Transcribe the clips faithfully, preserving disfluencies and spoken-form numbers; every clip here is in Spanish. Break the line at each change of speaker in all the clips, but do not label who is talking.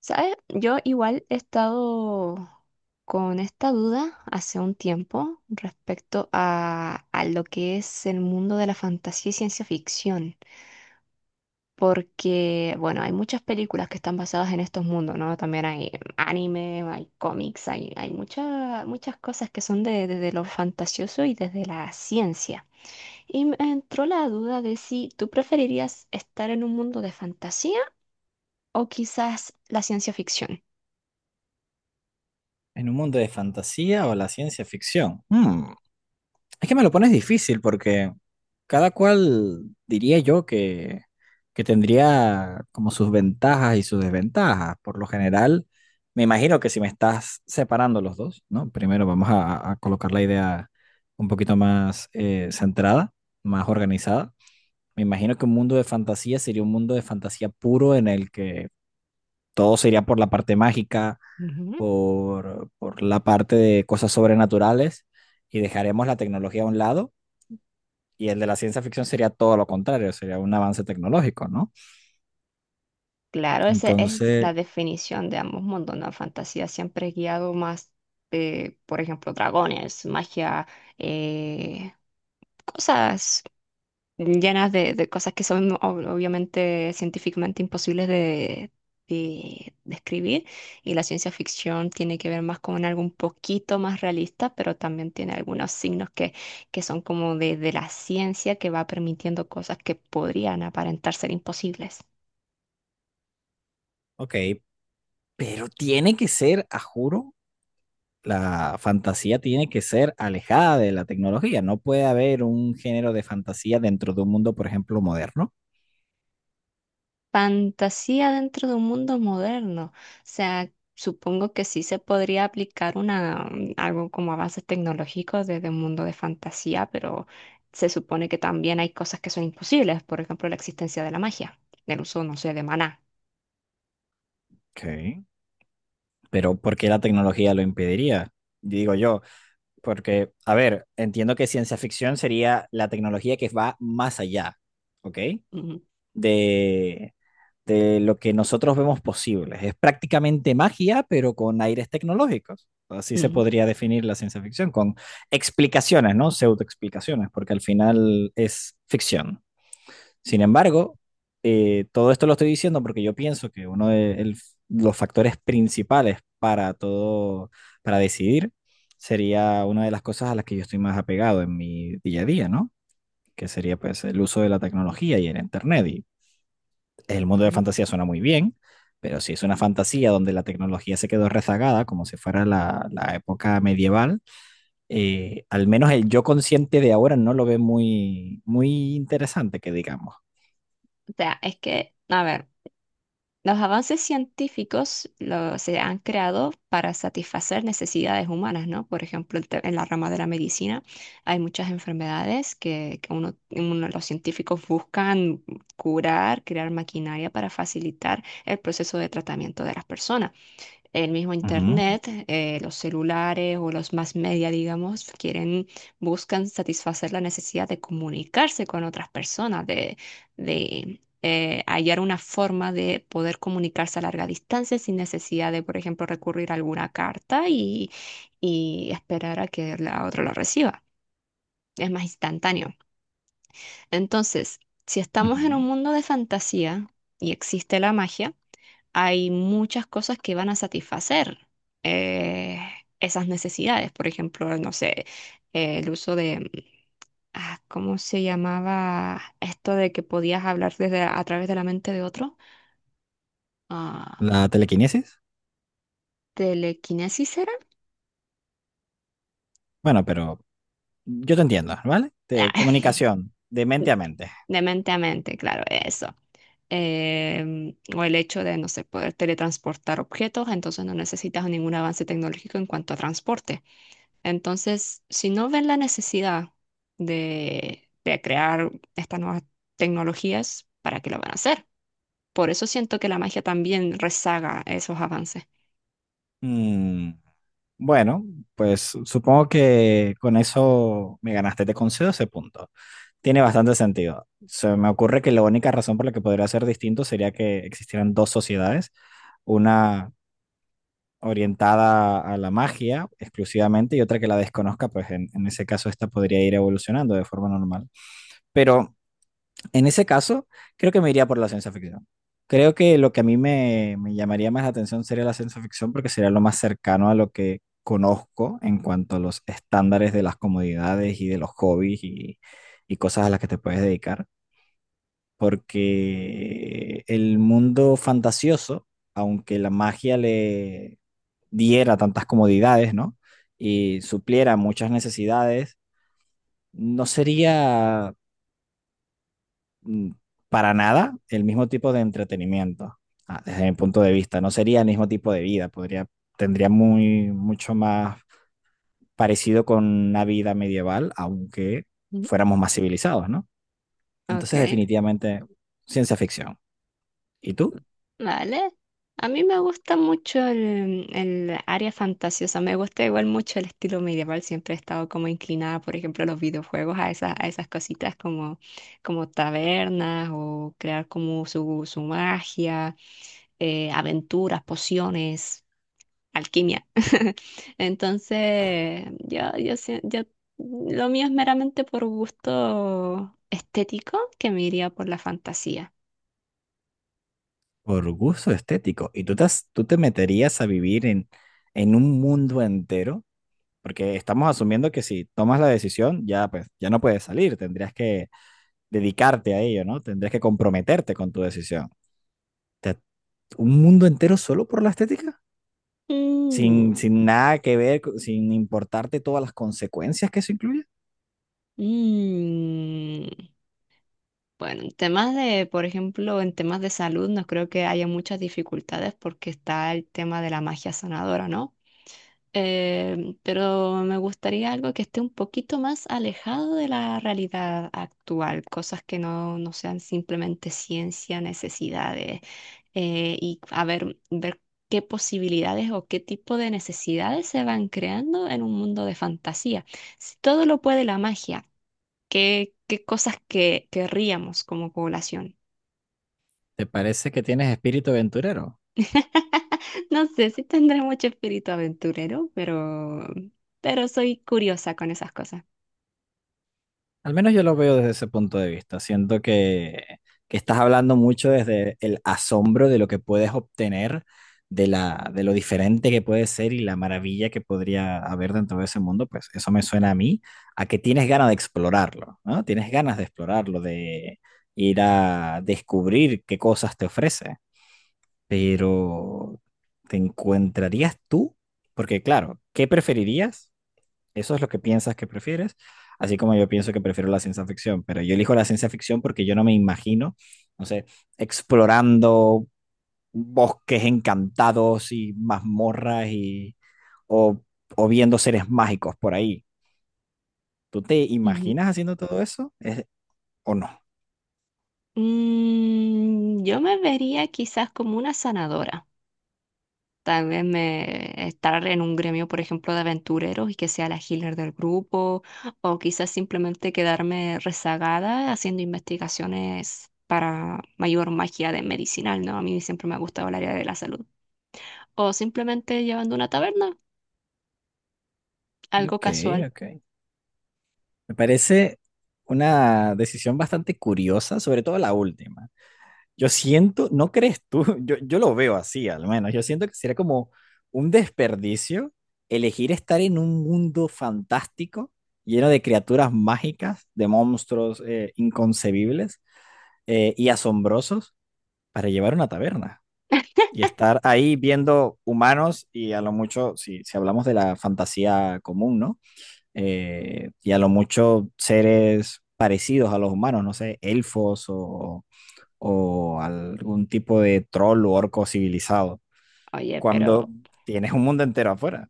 ¿Sabes? Yo igual he estado con esta duda hace un tiempo respecto a, a lo que es el mundo de la fantasía y ciencia ficción, porque, bueno, hay muchas películas que están basadas en estos mundos, ¿no? También hay anime, hay cómics, hay, hay mucha- muchas cosas que son de- desde lo fantasioso y desde la ciencia. Y me entró la duda de si tú preferirías estar en un mundo de fantasía o quizás la ciencia ficción.
¿En un mundo de fantasía o la ciencia ficción? Mm, es que me lo pones difícil porque cada cual diría yo que, que tendría como sus ventajas y sus desventajas. Por lo general, me imagino que si me estás separando los dos, ¿no? Primero vamos a, a colocar la idea un poquito más eh, centrada, más organizada. Me imagino que un mundo de fantasía sería un mundo de fantasía puro en el que todo sería por la parte mágica por, por la parte de cosas sobrenaturales, y dejaremos la tecnología a un lado, y el de la ciencia ficción sería todo lo contrario, sería un avance tecnológico, ¿no?
Claro, esa es
Entonces,
la definición de ambos mundos, ¿no? Fantasía siempre es guiado más, eh, por ejemplo, dragones, magia, eh, cosas llenas de, de cosas que son ob- obviamente científicamente imposibles de, de describir. Y la ciencia ficción tiene que ver más con algo un poquito más realista, pero también tiene algunos signos que, que son como de, de la ciencia que va permitiendo cosas que podrían aparentar ser imposibles.
ok, pero tiene que ser, a juro, la fantasía tiene que ser alejada de la tecnología, no puede haber un género de fantasía dentro de un mundo, por ejemplo, moderno.
Fantasía dentro de un mundo moderno. O sea, supongo que sí se podría aplicar una, mm, algo como avances tecnológicos desde un mundo de fantasía, pero se supone que también hay cosas que son imposibles, por ejemplo, la existencia de la magia, el uso, no sé, de maná.
Ok. Pero ¿por qué la tecnología lo impediría? Digo yo, porque, a ver, entiendo que ciencia ficción sería la tecnología que va más allá, ¿ok?
Ujú,
De, de lo que nosotros vemos posible. Es prácticamente magia, pero con aires tecnológicos. Así se
ujú,
podría definir la ciencia ficción, con explicaciones, ¿no? Pseudoexplicaciones, porque al final es ficción. Sin embargo, eh, todo esto lo estoy diciendo porque yo pienso que uno de el- los factores principales para todo, para decidir, sería una de las cosas a las que yo estoy más apegado en mi día a día, ¿no? Que sería pues el uso de la tecnología y el internet. Y el mundo de
ujú.
fantasía suena muy bien, pero si es una fantasía donde la tecnología se quedó rezagada, como si fuera la, la época medieval, eh, al menos el yo consciente de ahora no lo ve muy, muy interesante, que digamos.
O sea, es que, a ver. Los avances científicos lo- se han creado para satisfacer necesidades humanas, ¿no? Por ejemplo, el te- en la rama de la medicina hay muchas enfermedades que, que uno, uno- los científicos buscan curar, crear maquinaria para facilitar el proceso de tratamiento de las personas, el mismo
Ujú,
internet, eh, los celulares o los más media, digamos, quieren, buscan satisfacer la necesidad de comunicarse con otras personas, de, de eh, hallar una forma de poder comunicarse a larga distancia sin necesidad de, por ejemplo, recurrir a alguna carta y, y esperar a que la otra lo reciba. Es más instantáneo. Entonces, si estamos en un
ujú.
mundo de fantasía y existe la magia, hay muchas cosas que van a satisfacer eh, esas necesidades. Por ejemplo, no sé, eh, el uso de, mm, ah, ¿cómo se llamaba esto de que podías hablar desde, a través de la mente de otro?
La
Ah,
telequinesis.
¿telequinesis era?
Bueno, pero yo te entiendo, ¿vale? De
Ah,
comunicación, de mente a mente.
De mente a mente, claro, eso. Em, o el hecho de, no sé, poder teletransportar objetos, entonces no necesitas ningún avance tecnológico en cuanto a transporte. Entonces, si no ven la necesidad de, de crear estas nuevas tecnologías, ¿para qué lo van a hacer? Por eso siento que la magia también rezaga esos avances.
Mm, bueno, pues supongo que con eso me ganaste. Te concedo ese punto. Tiene bastante sentido. Se me ocurre que la única razón por la que podría ser distinto sería que existieran dos sociedades, una orientada a la magia exclusivamente y otra que la desconozca, pues en, en ese caso esta podría ir evolucionando de forma normal. Pero en ese caso, creo que me iría por la ciencia ficción. Creo que lo que a mí me, me llamaría más la atención sería la ciencia ficción porque sería lo más cercano a lo que conozco en cuanto a los estándares de las comodidades y de los hobbies y, y cosas a las que te puedes dedicar. Porque el mundo fantasioso, aunque la magia le diera tantas comodidades, ¿no? Y supliera muchas necesidades, no sería mm, para nada el mismo tipo de entretenimiento, ah, desde mi punto de vista. No sería el mismo tipo de vida, podría, tendría muy, mucho más parecido con una vida medieval, aunque
Ujú.
fuéramos más civilizados, ¿no?
Ok.
Entonces, definitivamente, ciencia ficción. ¿Y tú?
Vale. A mí me gusta mucho el, el área fantasiosa, me gusta igual mucho el estilo medieval, siempre he estado como inclinada, por ejemplo, a los videojuegos, a esas, a esas cositas como, como tabernas o crear como su, su magia, eh, aventuras, pociones, alquimia. Entonces, yo, yo, sie- yo, lo mío es meramente por gusto estético, que me iría por la fantasía.
Por gusto estético. ¿Y tú te, has- tú te meterías a vivir en, en un mundo entero? Porque estamos asumiendo que si tomas la decisión, ya pues ya no puedes salir, tendrías que dedicarte a ello, ¿no? Tendrías que comprometerte con tu decisión. te- un mundo entero solo por la estética, sin,
Mm.
sin nada que ver, co- sin importarte todas las consecuencias que eso incluye.
Mm, bueno, en temas de, por ejemplo, en temas de salud no creo que haya muchas dificultades porque está el tema de la magia sanadora, ¿no? Eh, pero me gustaría algo que esté un poquito más alejado de la realidad actual, cosas que no, no sean simplemente ciencia, necesidades, eh, y a ver, ver qué posibilidades o qué tipo de necesidades se van creando en un mundo de fantasía. Si todo lo puede la magia, qué, qué cosas que querríamos como población.
¿Te parece que tienes espíritu aventurero?
No sé si tendré mucho espíritu aventurero, pero, pero soy curiosa con esas cosas.
Al menos yo lo veo desde ese punto de vista. Siento que, que estás hablando mucho desde el asombro de lo que puedes obtener, de la, de lo diferente que puede ser y la maravilla que podría haber dentro de ese mundo. Pues eso me suena a mí, a que tienes ganas de explorarlo, ¿no? Tienes ganas de explorarlo, de ir a descubrir qué cosas te ofrece. Pero, ¿te encontrarías tú? Porque claro, ¿qué preferirías? Eso es lo que piensas que prefieres, así como yo pienso que prefiero la ciencia ficción, pero yo elijo la ciencia ficción porque yo no me imagino, no sé, explorando bosques encantados y mazmorras y o, o viendo seres mágicos por ahí. ¿Tú te
Ujú.
imaginas haciendo todo eso? ¿Es- o no?
Mm, yo me vería quizás como una sanadora. Tal vez me estar en un gremio, por ejemplo, de aventureros y que sea la healer del grupo, o quizás simplemente quedarme rezagada haciendo investigaciones para mayor magia de medicinal, ¿no? A mí siempre me ha gustado el área de la salud, o simplemente llevando una taberna, algo
Ok,
casual.
ok. Me parece una decisión bastante curiosa, sobre todo la última. Yo siento, ¿no crees tú? Yo, yo lo veo así, al menos. Yo siento que sería como un desperdicio elegir estar en un mundo fantástico, lleno de criaturas mágicas, de monstruos eh, inconcebibles eh, y asombrosos, para llevar una taberna y estar ahí viendo humanos y a lo mucho, si, si hablamos de la fantasía común, ¿no? Eh, y a lo mucho seres parecidos a los humanos, no sé, elfos o o algún tipo de troll o orco civilizado,
Oye,
cuando
pero,
tienes un mundo entero afuera.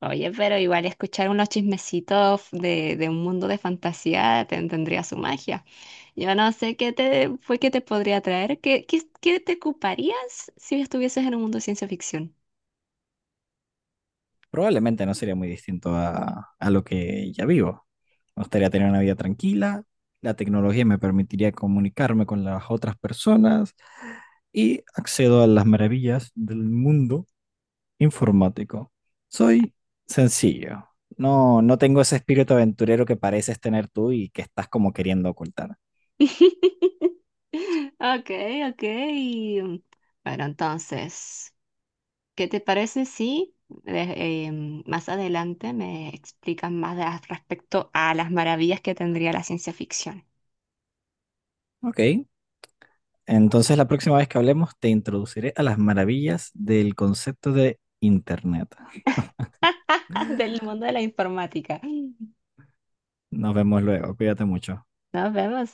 oye, pero igual escuchar unos chismecitos de, de un mundo de fantasía te- tendría su magia. Yo no sé qué te fue que te podría traer, qué, qué, qué te ocuparías si estuvieses en un mundo de ciencia ficción.
Probablemente no sería muy distinto a, a lo que ya vivo. Me gustaría tener una vida tranquila, la tecnología me permitiría comunicarme con las otras personas y accedo a las maravillas del mundo informático. Soy sencillo. No, no tengo ese espíritu aventurero que pareces tener tú y que estás como queriendo ocultar.
Ok, ok. Bueno, entonces, ¿qué te parece si eh, em, más adelante me explican más de- respecto a las maravillas que tendría la ciencia ficción
Ok, entonces, la próxima vez que hablemos, te introduciré a las maravillas del concepto de Internet.
del mundo de la informática?
Nos vemos luego. Cuídate mucho.
Nos vemos.